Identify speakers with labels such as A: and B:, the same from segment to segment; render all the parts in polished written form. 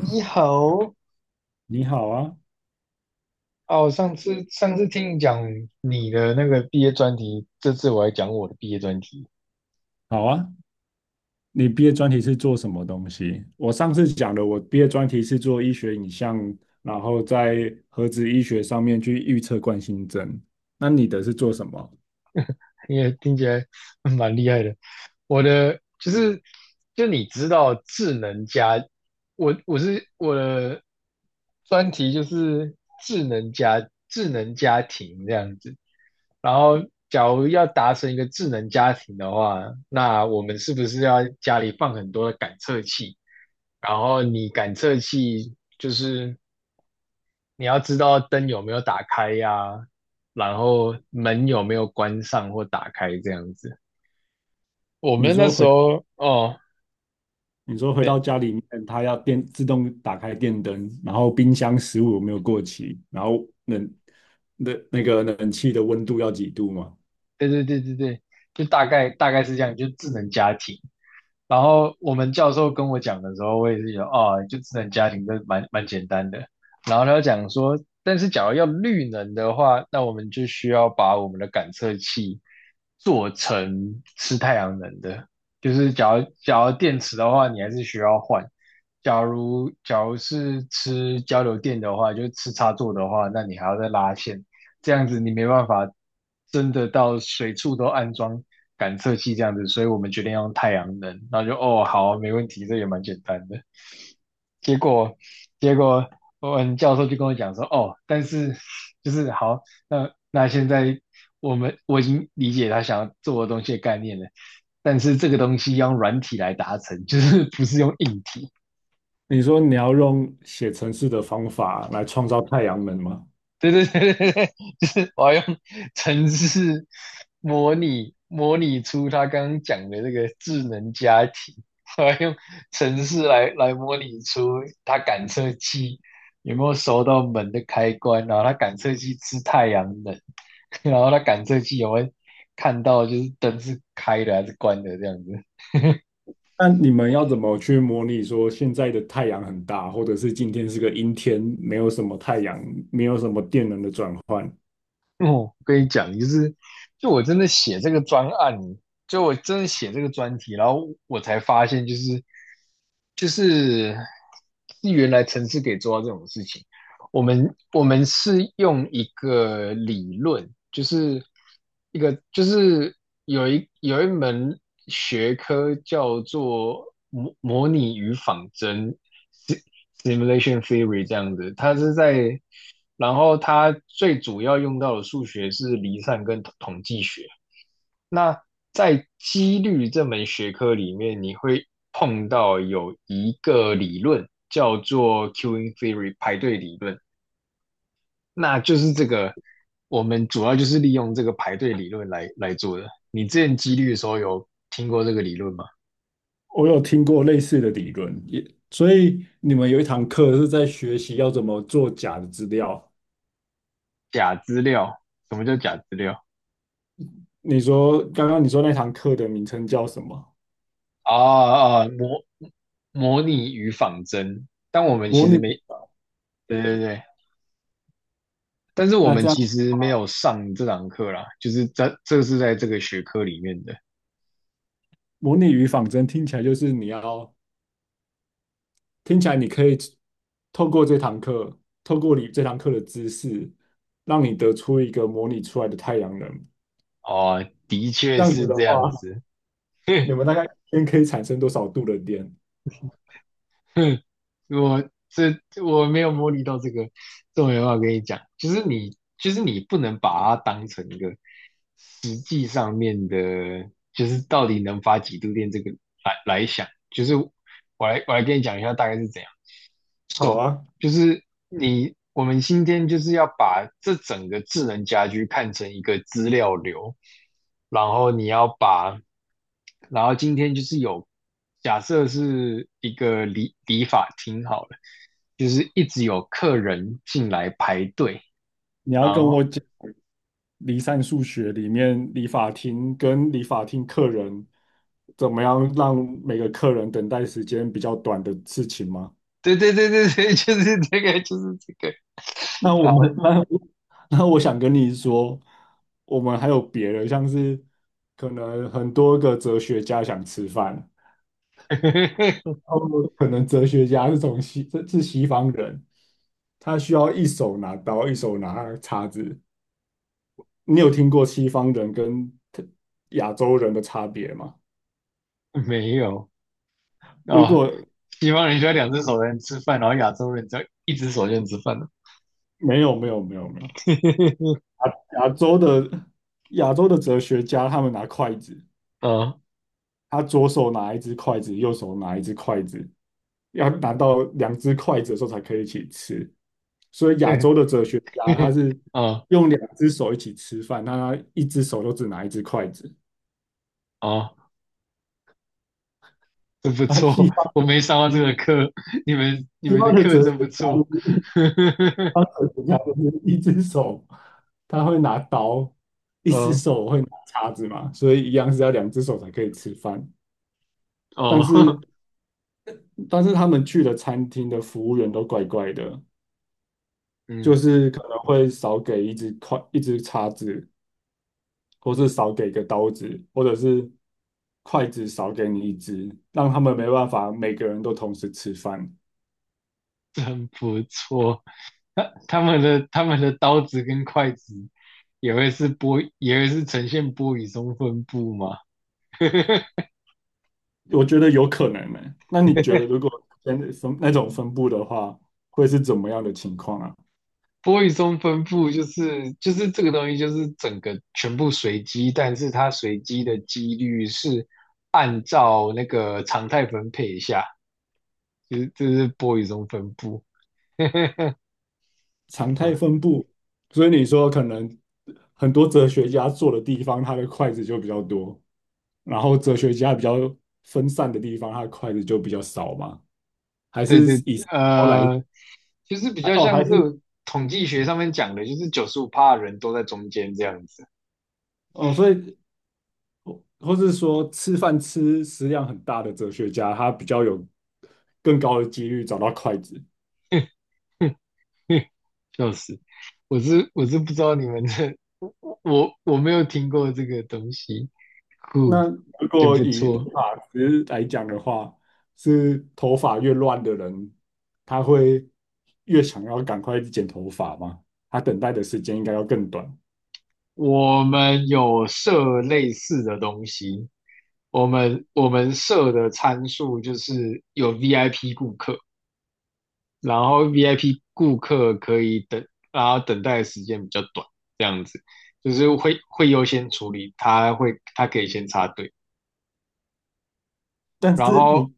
A: 你好，
B: 你好啊。
A: 哦，上次听你讲你的那个毕业专题，这次我来讲我的毕业专题。
B: 好啊。你毕业专题是做什么东西？我上次讲的，我毕业专题是做医学影像，然后在核子医学上面去预测冠心症。那你的是做什么？
A: 也听起来 蛮厉害的。我的就是，就你知道智能家，我的专题就是智能家庭这样子。然后，假如要达成一个智能家庭的话，那我们是不是要家里放很多的感测器？然后你感测器就是你要知道灯有没有打开呀、然后门有没有关上或打开这样子。我
B: 你
A: 们那
B: 说
A: 时
B: 回，
A: 候哦，
B: 你说回到
A: 对
B: 家里面，它要电自动打开电灯，然后冰箱食物有没有过期，然后冷那个冷气的温度要几度吗？
A: 对对对对对，就大概是这样，就智能家庭。然后我们教授跟我讲的时候，我也是觉得哦，就智能家庭这蛮简单的。然后他就讲说，但是假如要绿能的话，那我们就需要把我们的感测器做成吃太阳能的，就是假如电池的话，你还是需要换。假如是吃交流电的话，就是吃插座的话，那你还要再拉线，这样子你没办法真的到随处都安装感测器这样子，所以我们决定用太阳能。然后就哦，好啊没问题，这也蛮简单的。结果，结果，我们教授就跟我讲说，哦，但是就是好，那现在我已经理解他想要做的东西的概念了，但是这个东西要用软体来达成，就是不是用硬体。
B: 你说你要用写程式的方法来创造太阳能吗？
A: 对对对对对，就是我要用程式模拟出他刚刚讲的这个智能家庭，我要用程式来模拟出他感测器有没有收到门的开关，然后他感测器吃太阳能，然后他感测器有没有看到就是灯是开的还是关的这样子。
B: 那你们要怎么去模拟说现在的太阳很大，或者是今天是个阴天，没有什么太阳，没有什么电能的转换？
A: 哦，我跟你讲，就是就我真的写这个专案，就我真的写这个专题，然后我才发现，就是是原来城市可以做到这种事情。我们是用一个理论，就是一个就是有一门学科叫做模拟与仿真 s i m u l a t i o n theory） 这样子，它是在，然后它最主要用到的数学是离散跟统计学。那在几率这门学科里面，你会碰到有一个理论叫做 queuing theory 排队理论。那就是这个，我们主要就是利用这个排队理论来做的。你之前几率的时候有听过这个理论吗？
B: 我有听过类似的理论，也所以你们有一堂课是在学习要怎么做假的资料。
A: 假资料，什么叫假资料？
B: 你说刚刚你说那堂课的名称叫什么？
A: 啊啊，模拟与仿真。但我们
B: 模
A: 其实
B: 拟。
A: 没，对对对，但是我
B: 那
A: 们
B: 这样
A: 其实没有上这堂课啦，就是这是在这个学科里面的。
B: 模拟与仿真听起来就是你要听起来你可以透过这堂课，透过你这堂课的知识，让你得出一个模拟出来的太阳能。
A: 哦，的确
B: 这样子
A: 是
B: 的
A: 这样
B: 话，
A: 子。
B: 你 们大概一天可以产生多少度的电？
A: 哼，我这我没有模拟到这个，这我没办法跟你讲。就是你，就是你不能把它当成一个实际上面的，就是到底能发几度电这个来想。就是我来跟你讲一下大概是怎样。
B: 好
A: So，
B: 啊，
A: 就是你，我们今天就是要把这整个智能家居看成一个资料流，然后你要把，然后今天就是有，假设是一个理发厅好了，就是一直有客人进来排队，
B: 你要
A: 然
B: 跟我
A: 后
B: 讲离散数学里面理发厅跟理发厅客人怎么样让每个客人等待时间比较短的事情吗？
A: 对对对对对，就是这个，
B: 那我
A: 好，
B: 们 那我想跟你说，我们还有别的，像是可能很多个哲学家想吃饭。哦，们可能哲学家是从西，这是西方人，他需要一手拿刀，一手拿叉子。你有听过西方人跟亚洲人的差别吗？
A: 没有
B: 如
A: 哦，
B: 果
A: 西方人需要两只手才能吃饭，然后亚洲人只要一只手就能吃饭了，
B: 没有，没有，没有，没有。亚洲的亚洲的哲学家，他们拿筷子，
A: 嗯。
B: 他左手拿一只筷子，右手拿一只筷子，要拿到两只筷子的时候才可以一起吃。所以亚洲 的哲学家，他是
A: 哦
B: 用两只手一起吃饭，那他一只手都只拿一只筷子。
A: 哦，真不
B: 啊，
A: 错，我没上过这个课，你们你
B: 西
A: 们
B: 方
A: 的
B: 的
A: 课
B: 哲学
A: 真不
B: 家
A: 错。
B: 就是，西 方哲学家就是一只手他会拿刀，一只
A: 哦
B: 手会拿叉子嘛，所以一样是要两只手才可以吃饭。但
A: 哦，
B: 是但是他们去的餐厅的服务员都怪怪的，就
A: 嗯，
B: 是可能会少给一只筷一只叉子，或是少给一个刀子，或者是筷子少给你一只，让他们没办法每个人都同时吃饭。
A: 真不错。他们的刀子跟筷子也会是波，也会是呈现波与松分布嘛？
B: 我觉得有可能呢、那你觉得如果真的分那种分布的话，会是怎么样的情况啊？
A: 波与松分布就是这个东西，就是整个全部随机，但是它随机的几率是按照那个常态分配下。就是这是 boy 中分布，
B: 常态分布，所以你说可能很多哲学家坐的地方，他的筷子就比较多，然后哲学家比较分散的地方，他的筷子就比较少嘛？还
A: 对
B: 是
A: 对，
B: 以后来
A: 呃，就是比
B: 还
A: 较
B: 哦，
A: 像
B: 还
A: 是
B: 是
A: 统计学上面讲的，就是95%的人都在中间这样子，
B: 哦，所以或是说吃饭吃食量很大的哲学家，他比较有更高的几率找到筷子。
A: 笑死！我是不知道你们的，我没有听过这个东西，酷，
B: 那如
A: 真
B: 果
A: 不
B: 以理
A: 错。
B: 发师来讲的话，是头发越乱的人，他会越想要赶快剪头发吗？他等待的时间应该要更短。
A: 我们有设类似的东西，我们设的参数就是有 VIP 顾客，然后 VIP 顾客可以等，然后等待的时间比较短，这样子就是会优先处理，他可以先插队，
B: 但
A: 然
B: 是
A: 后
B: 你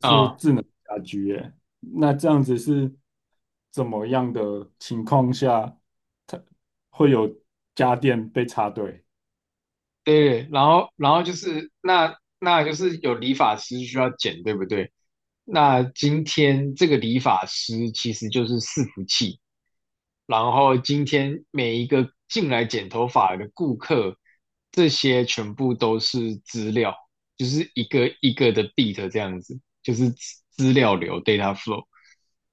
A: 啊、
B: 是
A: 嗯
B: 智能家居耶，那这样子是怎么样的情况下，它会有家电被插队？
A: 对对，然后就是那就是有理发师需要剪，对不对？那今天这个理发师其实就是伺服器，然后今天每一个进来剪头发的顾客，这些全部都是资料，就是一个一个的 beat 这样子，就是资料流 data flow。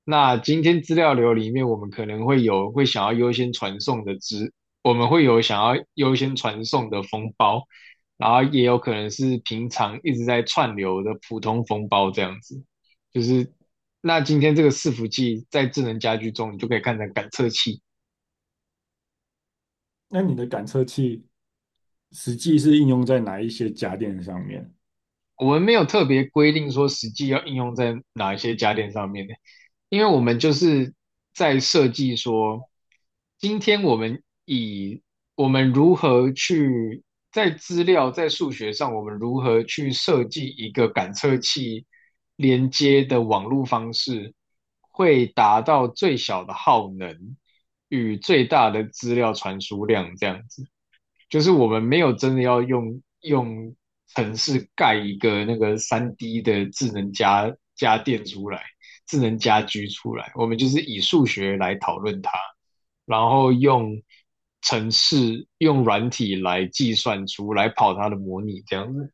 A: 那今天资料流里面，我们可能会有会想要优先传送的资，我们会有想要优先传送的封包，然后也有可能是平常一直在串流的普通封包这样子，就是那今天这个伺服器在智能家居中，你就可以看成感测器。
B: 那你的感测器实际是应用在哪一些家电上面？
A: 我们没有特别规定说实际要应用在哪一些家电上面的，因为我们就是在设计说，今天我们以我们如何去在资料在数学上，我们如何去设计一个感测器连接的网络方式，会达到最小的耗能与最大的资料传输量这样子。就是我们没有真的要用城市盖一个那个3D 的智能家电出来，智能家居出来，我们就是以数学来讨论它，然后用城市用软体来计算出来跑它的模拟这样子。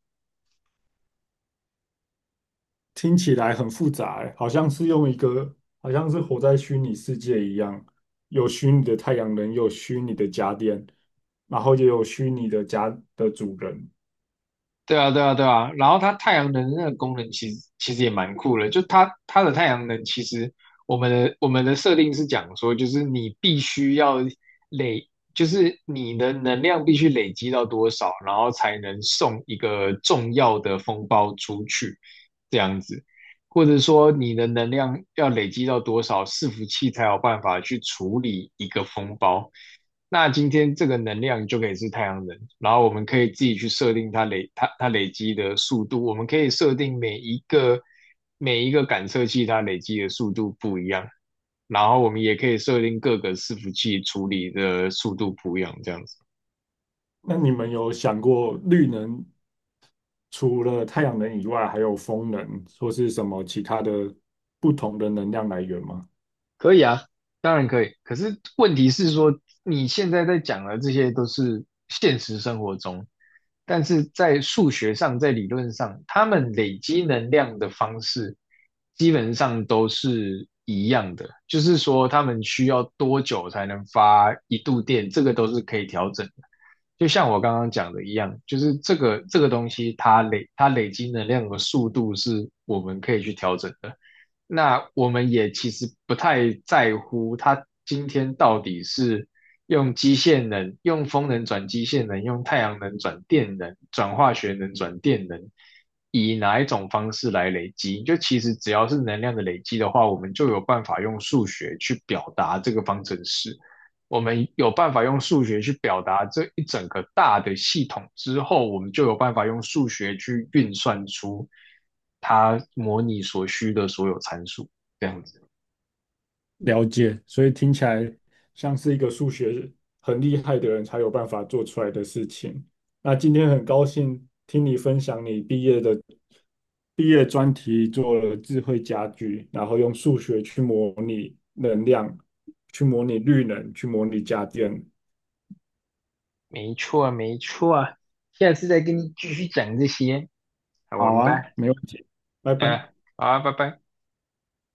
B: 听起来很复杂欸，好像是用一个，好像是活在虚拟世界一样，有虚拟的太阳能，有虚拟的家电，然后也有虚拟的家的主人。
A: 对啊，对啊，对啊。然后它太阳能那个功能其实也蛮酷的，就它的太阳能其实我们的设定是讲说，就是你必须要累，就是你的能量必须累积到多少，然后才能送一个重要的风包出去，这样子。或者说你的能量要累积到多少，伺服器才有办法去处理一个风包。那今天这个能量就可以是太阳能，然后我们可以自己去设定它累积的速度，我们可以设定每一个感测器它累积的速度不一样，然后我们也可以设定各个伺服器处理的速度不一样，这样子。
B: 那你们有想过绿能除了太阳能以外，还有风能或是什么其他的不同的能量来源吗？
A: 可以啊，当然可以。可是问题是说，你现在在讲的这些都是现实生活中，但是在数学上，在理论上，他们累积能量的方式基本上都是一样的，就是说他们需要多久才能发1度电，这个都是可以调整的。就像我刚刚讲的一样，就是这个东西，它累积能量的速度是我们可以去调整的。那我们也其实不太在乎它今天到底是用机械能、用风能转机械能、用太阳能转电能、转化学能转电能，以哪一种方式来累积。就其实只要是能量的累积的话，我们就有办法用数学去表达这个方程式。我们有办法用数学去表达这一整个大的系统之后，我们就有办法用数学去运算出它模拟所需的所有参数，这样子。
B: 了解，所以听起来像是一个数学很厉害的人才有办法做出来的事情。那今天很高兴听你分享你毕业专题做了智慧家居，然后用数学去模拟能量，去模拟绿能，去模拟家电。
A: 没错，没错，下次再跟你继续讲这些。好，我
B: 好
A: 们
B: 啊，
A: 拜。
B: 没问题，拜
A: 嗯，
B: 拜。
A: 好啊，拜拜。